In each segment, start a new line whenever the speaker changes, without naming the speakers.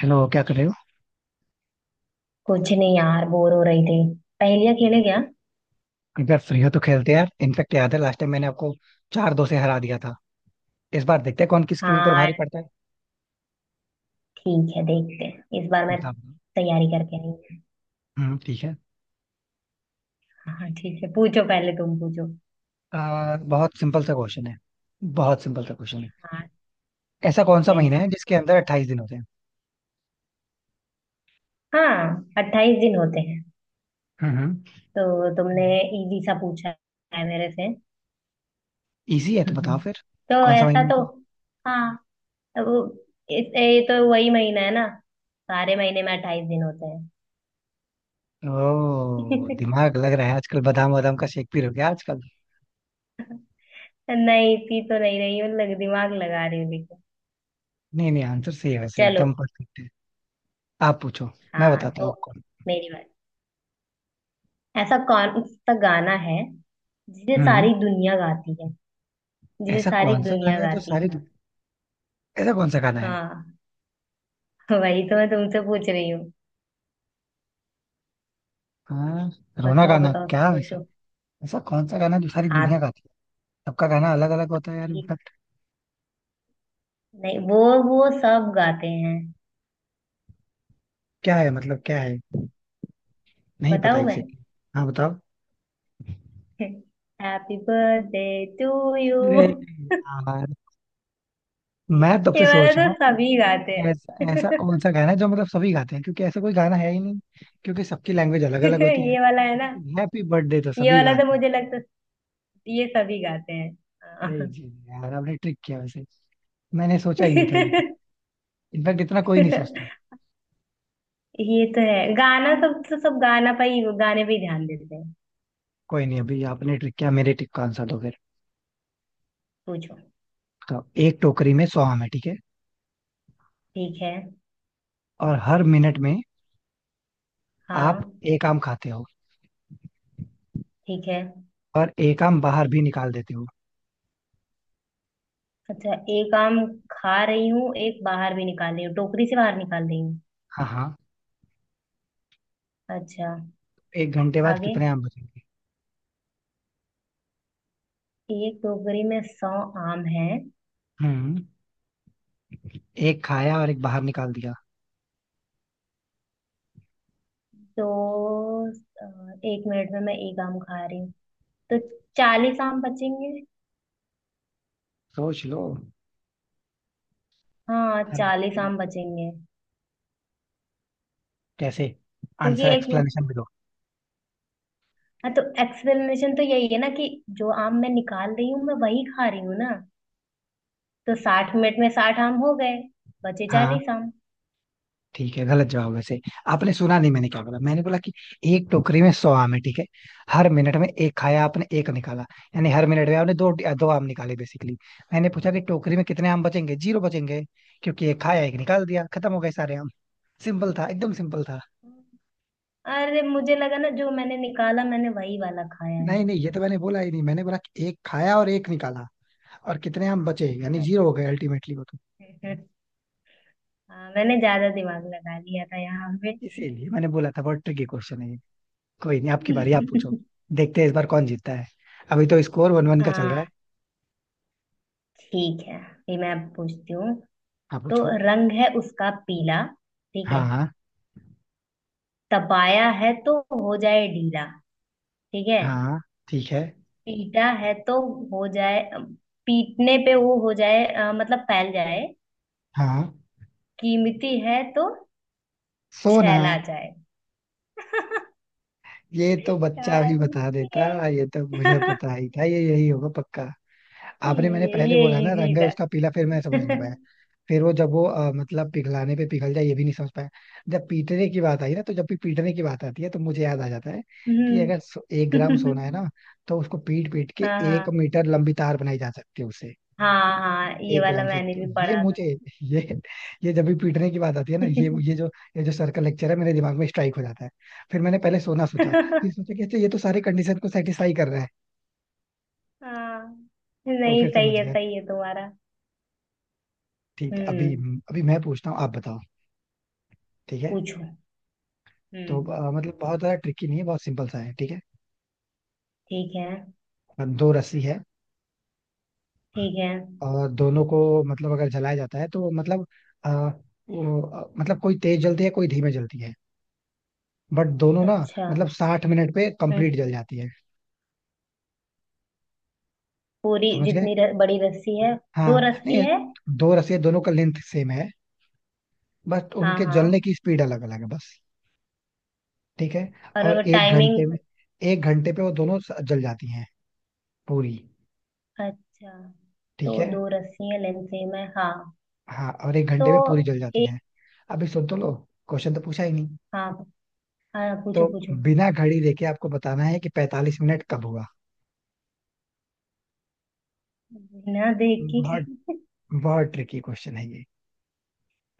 Hello, क्या कर रहे हो।
कुछ नहीं यार बोर हो रही थी। पहेलियां खेले क्या।
अगर फ्री हो तो खेलते हैं यार। इनफेक्ट याद है लास्ट टाइम मैंने आपको चार दो से हरा दिया था। इस बार देखते हैं कौन किसके ऊपर
हाँ,
भारी पड़ता है,
ठीक है, देखते हैं इस बार मैं
मुकाबला।
तैयारी करके नहीं।
हम्म, ठीक है।
हाँ ठीक है, पूछो, पहले तुम पूछो।
बहुत सिंपल सा क्वेश्चन है। बहुत सिंपल सा क्वेश्चन है।
हाँ
ऐसा कौन
ठीक
सा
है।
महीना है जिसके अंदर अट्ठाईस दिन होते हैं।
हाँ, अट्ठाईस दिन होते हैं।
हम्म।
तो तुमने इजी सा पूछा है मेरे से।
इजी है तो बताओ फिर,
तो
कौन सा
ऐसा
महीना
तो
होता है।
हाँ, तो वो ये तो वही महीना है ना, सारे महीने में अट्ठाईस दिन होते हैं।
ओ, दिमाग लग रहा है, आजकल बादाम वादाम का शेक पी रहे हो क्या आजकल।
नहीं, इतनी तो नहीं रही हूँ, लग दिमाग लगा रही हूँ देखो।
नहीं नहीं, आंसर सही है वैसे,
चलो।
एकदम परफेक्ट है। आप पूछो, मैं
हाँ
बताता हूँ
तो
आपको।
मेरी बात, ऐसा कौन सा गाना है जिसे
हम्म।
सारी दुनिया गाती है। जिसे
ऐसा
सारी
कौन सा
दुनिया
गाना है जो
गाती
सारी,
है।
ऐसा कौन सा गाना है।
हाँ, वही तो मैं तुमसे पूछ रही हूँ।
हाँ, रोना
बताओ
गाना
बताओ
क्या है ऐसा।
सोचो।
ऐसा कौन सा गाना है जो सारी
हाथ
दुनिया गाती है। सबका गाना अलग अलग होता है यार,
भाई,
इनफैक्ट
नहीं वो, वो सब गाते हैं।
क्या है, मतलब क्या है। नहीं पता
बताऊँ मैं?
एग्जैक्टली। हाँ बताओ।
Happy birthday to you.
अरे यार, मैं तब से
ये वाला
सोच रहा
तो
हूँ
सभी गाते
ऐसा ऐसा कौन
हैं।
सा गाना है जो मतलब सभी गाते हैं, क्योंकि ऐसा कोई गाना है ही नहीं। क्योंकि सबकी लैंग्वेज अलग अलग होती है,
ये वाला है ना,
लेकिन हैप्पी बर्थडे तो
ये
सभी
वाला तो
गाते हैं।
मुझे लगता है ये सभी गाते हैं।
यही
हाँ।
चीज है यार, आपने ट्रिक किया वैसे। मैंने सोचा ही नहीं था ये तो। इनफैक्ट इतना कोई नहीं सोचता।
ये तो है गाना, सब तो सब गाना पे ही गाने पे ही ध्यान देते हैं।
कोई नहीं, अभी आपने ट्रिक किया, मेरे ट्रिक का आंसर दो फिर।
पूछो।
तो एक टोकरी में 100 आम है, ठीक है।
ठीक है।
और हर मिनट में आप
हाँ
एक आम खाते हो,
ठीक है।
और एक आम बाहर भी निकाल देते हो।
अच्छा, एक आम खा रही हूँ, एक बाहर भी निकाल रही हूँ, टोकरी से बाहर निकाल रही हूँ।
हाँ हाँ।
अच्छा।
एक घंटे बाद
आगे,
कितने आम बचेंगे।
एक टोकरी में सौ आम हैं।
हम्म। एक खाया और एक बाहर निकाल दिया।
तो अ, एक मिनट में मैं एक आम खा रही हूँ तो चालीस आम बचेंगे।
सोच लो।
हाँ,
हर,
चालीस आम बचेंगे
कैसे,
क्योंकि
आंसर
एक,
एक्सप्लेनेशन भी दो।
हाँ तो एक्सप्लेनेशन तो यही है ना कि जो आम मैं निकाल रही हूँ मैं वही खा रही हूँ ना, तो साठ मिनट में साठ आम हो गए, बचे
हाँ,
चालीस आम।
ठीक है, गलत जवाब वैसे। आपने सुना नहीं मैंने क्या बोला। मैंने बोला कि एक टोकरी में 100 आम है, ठीक है। हर मिनट में एक खाया आपने, एक निकाला। यानी हर मिनट में आपने दो दो आम निकाले बेसिकली। मैंने पूछा कि टोकरी में कितने आम बचेंगे। 0 बचेंगे, क्योंकि एक खाया एक निकाल दिया, खत्म हो गए सारे आम। सिंपल था, एकदम सिंपल था।
अरे मुझे लगा ना जो मैंने निकाला मैंने वही वाला खाया है।
नहीं नहीं, ये तो मैंने बोला ही नहीं, मैंने बोला कि एक खाया और एक निकाला, और कितने हम बचे, यानी 0 हो गए अल्टीमेटली वो तो।
अच्छा। हाँ, मैंने ज्यादा दिमाग लगा लिया था यहाँ पे।
इसीलिए मैंने बोला था बहुत ट्रिकी क्वेश्चन है ये। कोई नहीं, आपकी बारी, आप पूछो। देखते हैं इस बार कौन जीतता है, अभी तो स्कोर वन वन का चल रहा है।
हाँ ठीक है, ये मैं अब पूछती हूँ।
आप
तो
पूछो।
रंग है उसका पीला, ठीक
हाँ
है।
हाँ।
तपाया है तो हो जाए ढीला, ठीक है।
हाँ। ठीक है।
पीटा है तो हो जाए, पीटने पे वो हो जाए मतलब फैल जाए।
हाँ।
कीमती है तो
सोना।
छैला जाए।
ये तो बच्चा भी
यार,
बता देता,
ये
ये तो मुझे पता ही था ये यही होगा पक्का। आपने, मैंने पहले
ये
बोला ना
इजी
रंग है
था।
उसका पीला, फिर मैं समझ नहीं पाया। फिर वो जब वो मतलब पिघलाने पे पिघल जाए, ये भी नहीं समझ पाया। जब पीटने की बात आई ना, तो जब भी पीटने की बात आती है तो मुझे याद आ जाता है कि अगर
हम्म।
एक ग्राम सोना है ना, तो उसको पीट पीट के एक
हाँ
मीटर लंबी तार बनाई जा सकती है उससे।
हाँ हाँ हाँ ये
एक
वाला
ग्राम से
मैंने
तो
भी
ये
पढ़ा था।
मुझे, ये ये जब भी पीटने की बात आती है ना, ये जो, ये जो सर्कल लेक्चर है मेरे दिमाग में स्ट्राइक हो जाता है। फिर मैंने पहले सोना सोचा, फिर सोचा कि अच्छा ये तो सारे कंडीशन को सेटिस्फाई कर रहा है,
हाँ,
तो
नहीं
फिर
सही
समझ
है,
गया।
सही है तुम्हारा।
ठीक है, अभी,
हम्म।
अभी मैं पूछता हूँ, आप बताओ, ठीक है।
पूछो। हम्म
तो
हम्म,
मतलब बहुत ज्यादा ट्रिकी नहीं है, बहुत सिंपल सा है, ठीक है।
ठीक है।
दो रस्सी है,
ठीक है।
और दोनों को मतलब अगर जलाया जाता है, तो मतलब आ, मतलब कोई तेज जलती है, कोई धीमे जलती है, बट दोनों ना
अच्छा।
मतलब 60 मिनट पे
हम्म,
कंप्लीट जल जाती है।
पूरी
समझ गए।
जितनी बड़ी रस्सी है।
हाँ,
दो रस्सी
नहीं,
है।
दो रस्सी है, दोनों का लेंथ सेम है, बट
हाँ
उनके जलने
हाँ।
की स्पीड अलग अलग है बस, ठीक है। और
और
एक घंटे
टाइमिंग।
में, एक घंटे पे वो दोनों जल जाती हैं, पूरी,
अच्छा,
ठीक
तो
है।
दो रस्सी है, लेंथ सेम है। हाँ
हाँ, और एक
तो
घंटे में पूरी जल जाती हैं। अभी सुन तो लो, क्वेश्चन तो पूछा ही नहीं।
हाँ, हाँ
तो
पूछो पूछो।
बिना घड़ी देखे आपको बताना है कि 45 मिनट कब हुआ।
बिना देख के।
बहुत बहुत ट्रिकी क्वेश्चन है ये,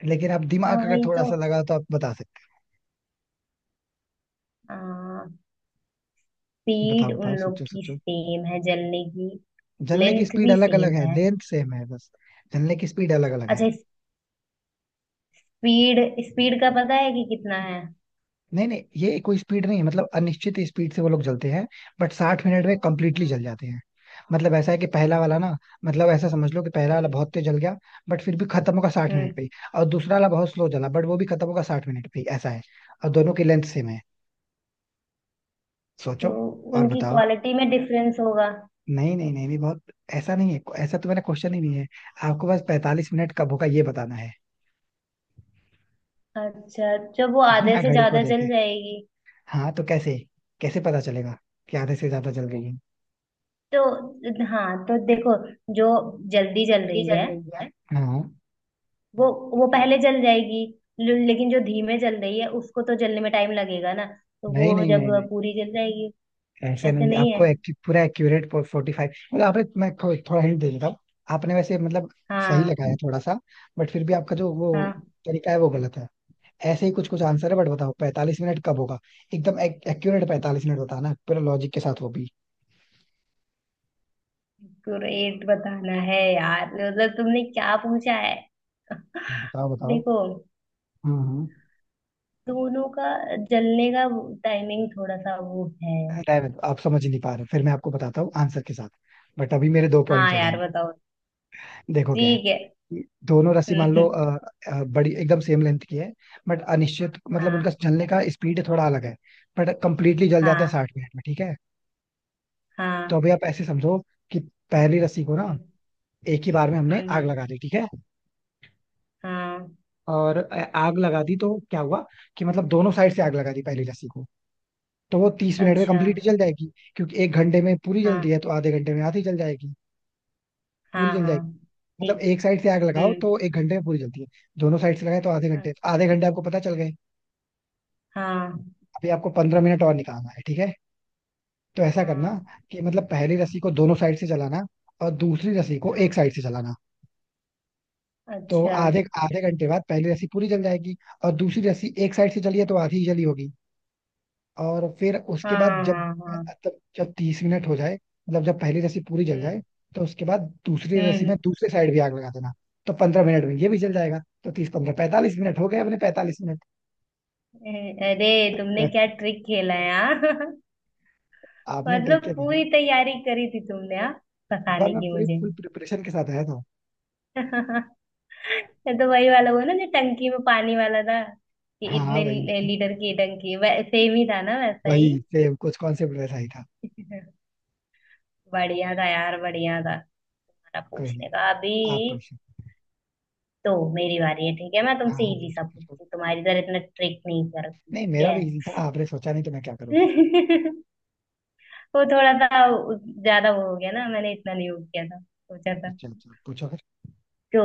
लेकिन आप
हाँ
दिमाग अगर
भाई
थोड़ा
तो
सा लगा तो आप बता सकते
आ,
हैं। बताओ
स्पीड उन
बताओ,
लोग
सोचो
की
सोचो,
सेम है जलने की।
जलने की
लेंथ
स्पीड
भी
अलग अलग
सेम
है,
है।
लेंथ सेम है बस, जलने की स्पीड अलग अलग है।
अच्छा। स्पीड स्पीड का पता है कि कितना है।
नहीं नहीं, ये कोई स्पीड नहीं है, मतलब अनिश्चित स्पीड से वो लोग जलते हैं, बट 60 मिनट में कंप्लीटली
हाँ।
जल जाते हैं। मतलब ऐसा है कि पहला वाला ना, मतलब ऐसा समझ लो कि पहला वाला
हम्म
बहुत तेज जल गया, बट फिर भी खत्म होगा 60 मिनट
हम्म।
पे ही। और दूसरा वाला बहुत स्लो जला, बट वो भी खत्म होगा 60 मिनट पे ही, ऐसा है। और दोनों की लेंथ सेम है। सोचो
तो
और
उनकी
बताओ।
क्वालिटी में डिफरेंस होगा।
नहीं नहीं नहीं नहीं, बहुत ऐसा नहीं है, ऐसा तो मैंने क्वेश्चन ही नहीं है। आपको बस 45 मिनट कब होगा ये बताना है,
अच्छा, जब वो आधे
बिना
से
घड़ी को
ज्यादा
देखे।
जल जाएगी।
हाँ, तो कैसे, कैसे पता चलेगा कि आधे से ज्यादा जल गई है।
तो हाँ तो देखो, जो जल्दी जल
खुद ही
रही
चल
है
रही है। हाँ,
वो वो पहले जल जाएगी। लेकिन जो धीमे जल रही है उसको तो जलने में टाइम लगेगा ना, तो
नहीं
वो
नहीं नहीं
जब
नहीं,
पूरी जल जाएगी।
ऐसे
ऐसे
नहीं,
नहीं
आपको
है।
पूरा एक्यूरेट 45, मतलब आपने, मैं थोड़ा हिंट दे देता हूँ। आपने वैसे मतलब सही लगाया
हाँ
थोड़ा सा, बट फिर भी आपका जो वो
हाँ।
तरीका है वो गलत है। ऐसे ही कुछ कुछ आंसर है, बट बताओ 45 मिनट कब होगा। एकदम एक्यूरेट 45 मिनट बताना, पूरा लॉजिक के साथ वो भी।
ग्रेट बताना है यार, मतलब तुमने क्या पूछा है?
बताओ बताओ।
देखो,
हम्म,
दोनों का जलने का टाइमिंग थोड़ा सा वो है।
रहने दो, आप समझ नहीं पा रहे, फिर मैं आपको बताता हूँ आंसर के साथ, बट अभी मेरे दो
हाँ
पॉइंट्स हो
यार
जाएंगे।
बताओ।
देखो क्या है,
ठीक है।
कि दोनों रस्सी मान लो
हम्म,
बड़ी एकदम सेम लेंथ की है, बट अनिश्चित, मतलब उनका
हाँ
जलने का स्पीड थोड़ा अलग है, बट कंप्लीटली जल जाते हैं
हाँ
60 मिनट में, ठीक है। तो
हाँ।
अभी आप ऐसे समझो कि पहली रस्सी को ना
हम्म,
एक ही बार में हमने आग
हम्म,
लगा दी, ठीक है।
हाँ।
और आग लगा दी तो क्या हुआ, कि मतलब दोनों साइड से आग लगा दी पहली लस्सी को, तो वो 30 मिनट में
अच्छा,
कंप्लीट जल जाएगी, क्योंकि एक घंटे में पूरी जलती
हाँ
है तो आधे घंटे में आधी जल जाएगी, पूरी
हाँ
जल
हाँ।
जाएगी। मतलब
ठीक।
एक साइड से आग लगाओ
हम्म।
तो एक घंटे में पूरी जलती है, दोनों साइड से लगाए तो आधे घंटे, आधे घंटे आपको पता चल गए।
हाँ।
अभी आपको 15 मिनट और निकालना है, ठीक है। तो ऐसा करना
हाँ।
कि मतलब पहली रस्सी को
हम्म,
दोनों साइड से जलाना, और दूसरी रस्सी को
हाँ।
एक साइड से जलाना। तो
अच्छा।
आधे आधे घंटे बाद पहली रस्सी पूरी जल जाएगी, और दूसरी रस्सी एक साइड से जली है तो आधी ही जली होगी। और फिर उसके बाद
हाँ
जब,
हाँ हाँ।
मतलब जब 30 मिनट हो जाए मतलब जब पहली रस्सी पूरी जल
हम्म।
जाए, तो उसके बाद दूसरी रस्सी
हम्म।
में दूसरे साइड भी आग लगा देना, तो 15 मिनट में ये भी जल जाएगा। तो 30 15 45 मिनट हो गए अपने, 45 मिनट।
अरे, तुमने क्या ट्रिक खेला है, हाँ?
आपने ट्रिक
मतलब
क्या दी है?
पूरी तैयारी करी थी तुमने, हाँ,
इस बार
फंसाने
मैं
की
पूरी
मुझे।
फुल प्रिपरेशन के साथ आया था।
ये तो वही वाला हुआ ना जो टंकी में पानी वाला था, कि
हाँ हाँ
इतने
भाई,
लीटर की टंकी सेम ही था ना, वैसा ही।
वही सेम कुछ कॉन्सेप्ट वैसा ही था।
बढ़िया था यार, बढ़िया था तुम्हारा
कोई
पूछने
नहीं,
का अभी।
आप पूछो।
तो मेरी बारी है, ठीक है, मैं
हाँ
तुमसे
हाँ,
इजी सा
पूछो पूछो।
पूछती हूँ, तुम्हारी तरह इतना ट्रिक नहीं करती,
नहीं,
ठीक
मेरा
है।
भी इजी था, आपने सोचा नहीं तो मैं क्या करूँ फिर।
वो थोड़ा सा ज्यादा वो हो गया ना, मैंने इतना नहीं वो किया था सोचा था।
अच्छा अच्छा, पूछो फिर।
तो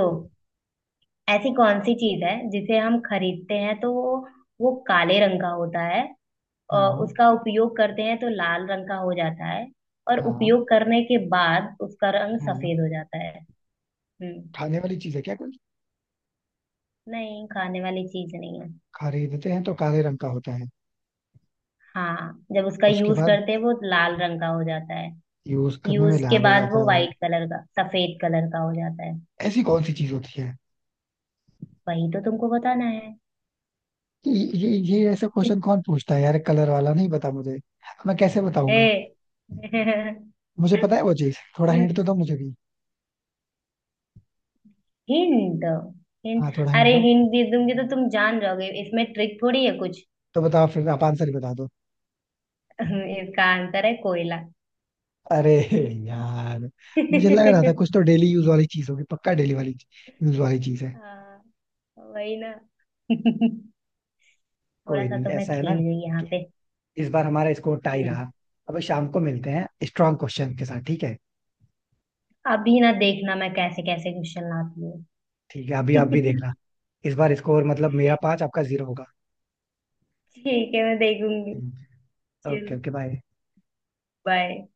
ऐसी कौन सी चीज है जिसे हम खरीदते हैं तो वो काले रंग का होता है, और
हाँ
उसका उपयोग करते हैं तो लाल रंग का हो जाता है, और
हाँ। हाँ।
उपयोग करने के बाद उसका रंग
हाँ।
सफेद हो जाता है। हम्म।
खाने वाली चीज है क्या कोई।
नहीं, खाने वाली चीज नहीं है।
खरीदते हैं तो काले रंग का होता है,
हाँ, जब उसका
उसके
यूज
बाद
करते हैं वो लाल रंग का हो जाता है।
यूज करने में
यूज के
लाल हो
बाद वो
जाता है।
वाइट कलर का, सफेद कलर का हो जाता है।
ऐसी कौन सी चीज होती है।
वही तो तुमको बताना है।
ये ये ऐसा क्वेश्चन कौन पूछता है यार, कलर वाला नहीं पता मुझे, मैं कैसे बताऊंगा।
ए
मुझे पता है वो चीज, थोड़ा हिंट तो दो मुझे भी।
Hint, hint.
हाँ, थोड़ा हिंट
अरे
दो।
हिंट दे दूंगी तो तुम जान जाओगे, इसमें ट्रिक थोड़ी है कुछ।
तो बताओ फिर, आप आंसर ही बता दो।
इसका आंसर है कोयला।
अरे यार, मुझे लग रहा था कुछ तो डेली यूज वाली चीज होगी पक्का, डेली वाली यूज वाली चीज है।
हाँ, वही ना। थोड़ा
कोई
सा
नहीं,
तो मैं
ऐसा है ना
खेल गई यहाँ
कि
पे।
इस बार हमारा स्कोर टाई
हम्म,
रहा। अब शाम को मिलते हैं स्ट्रांग क्वेश्चन के साथ, ठीक है।
अभी ना देखना मैं कैसे कैसे क्वेश्चन लाती
ठीक है, अभी आप भी
हूँ।
देखना, इस बार स्कोर मतलब मेरा 5 आपका 0 होगा।
ठीक है, मैं देखूंगी।
हम्म। ओके
चलो।
Okay, bye.
बाय।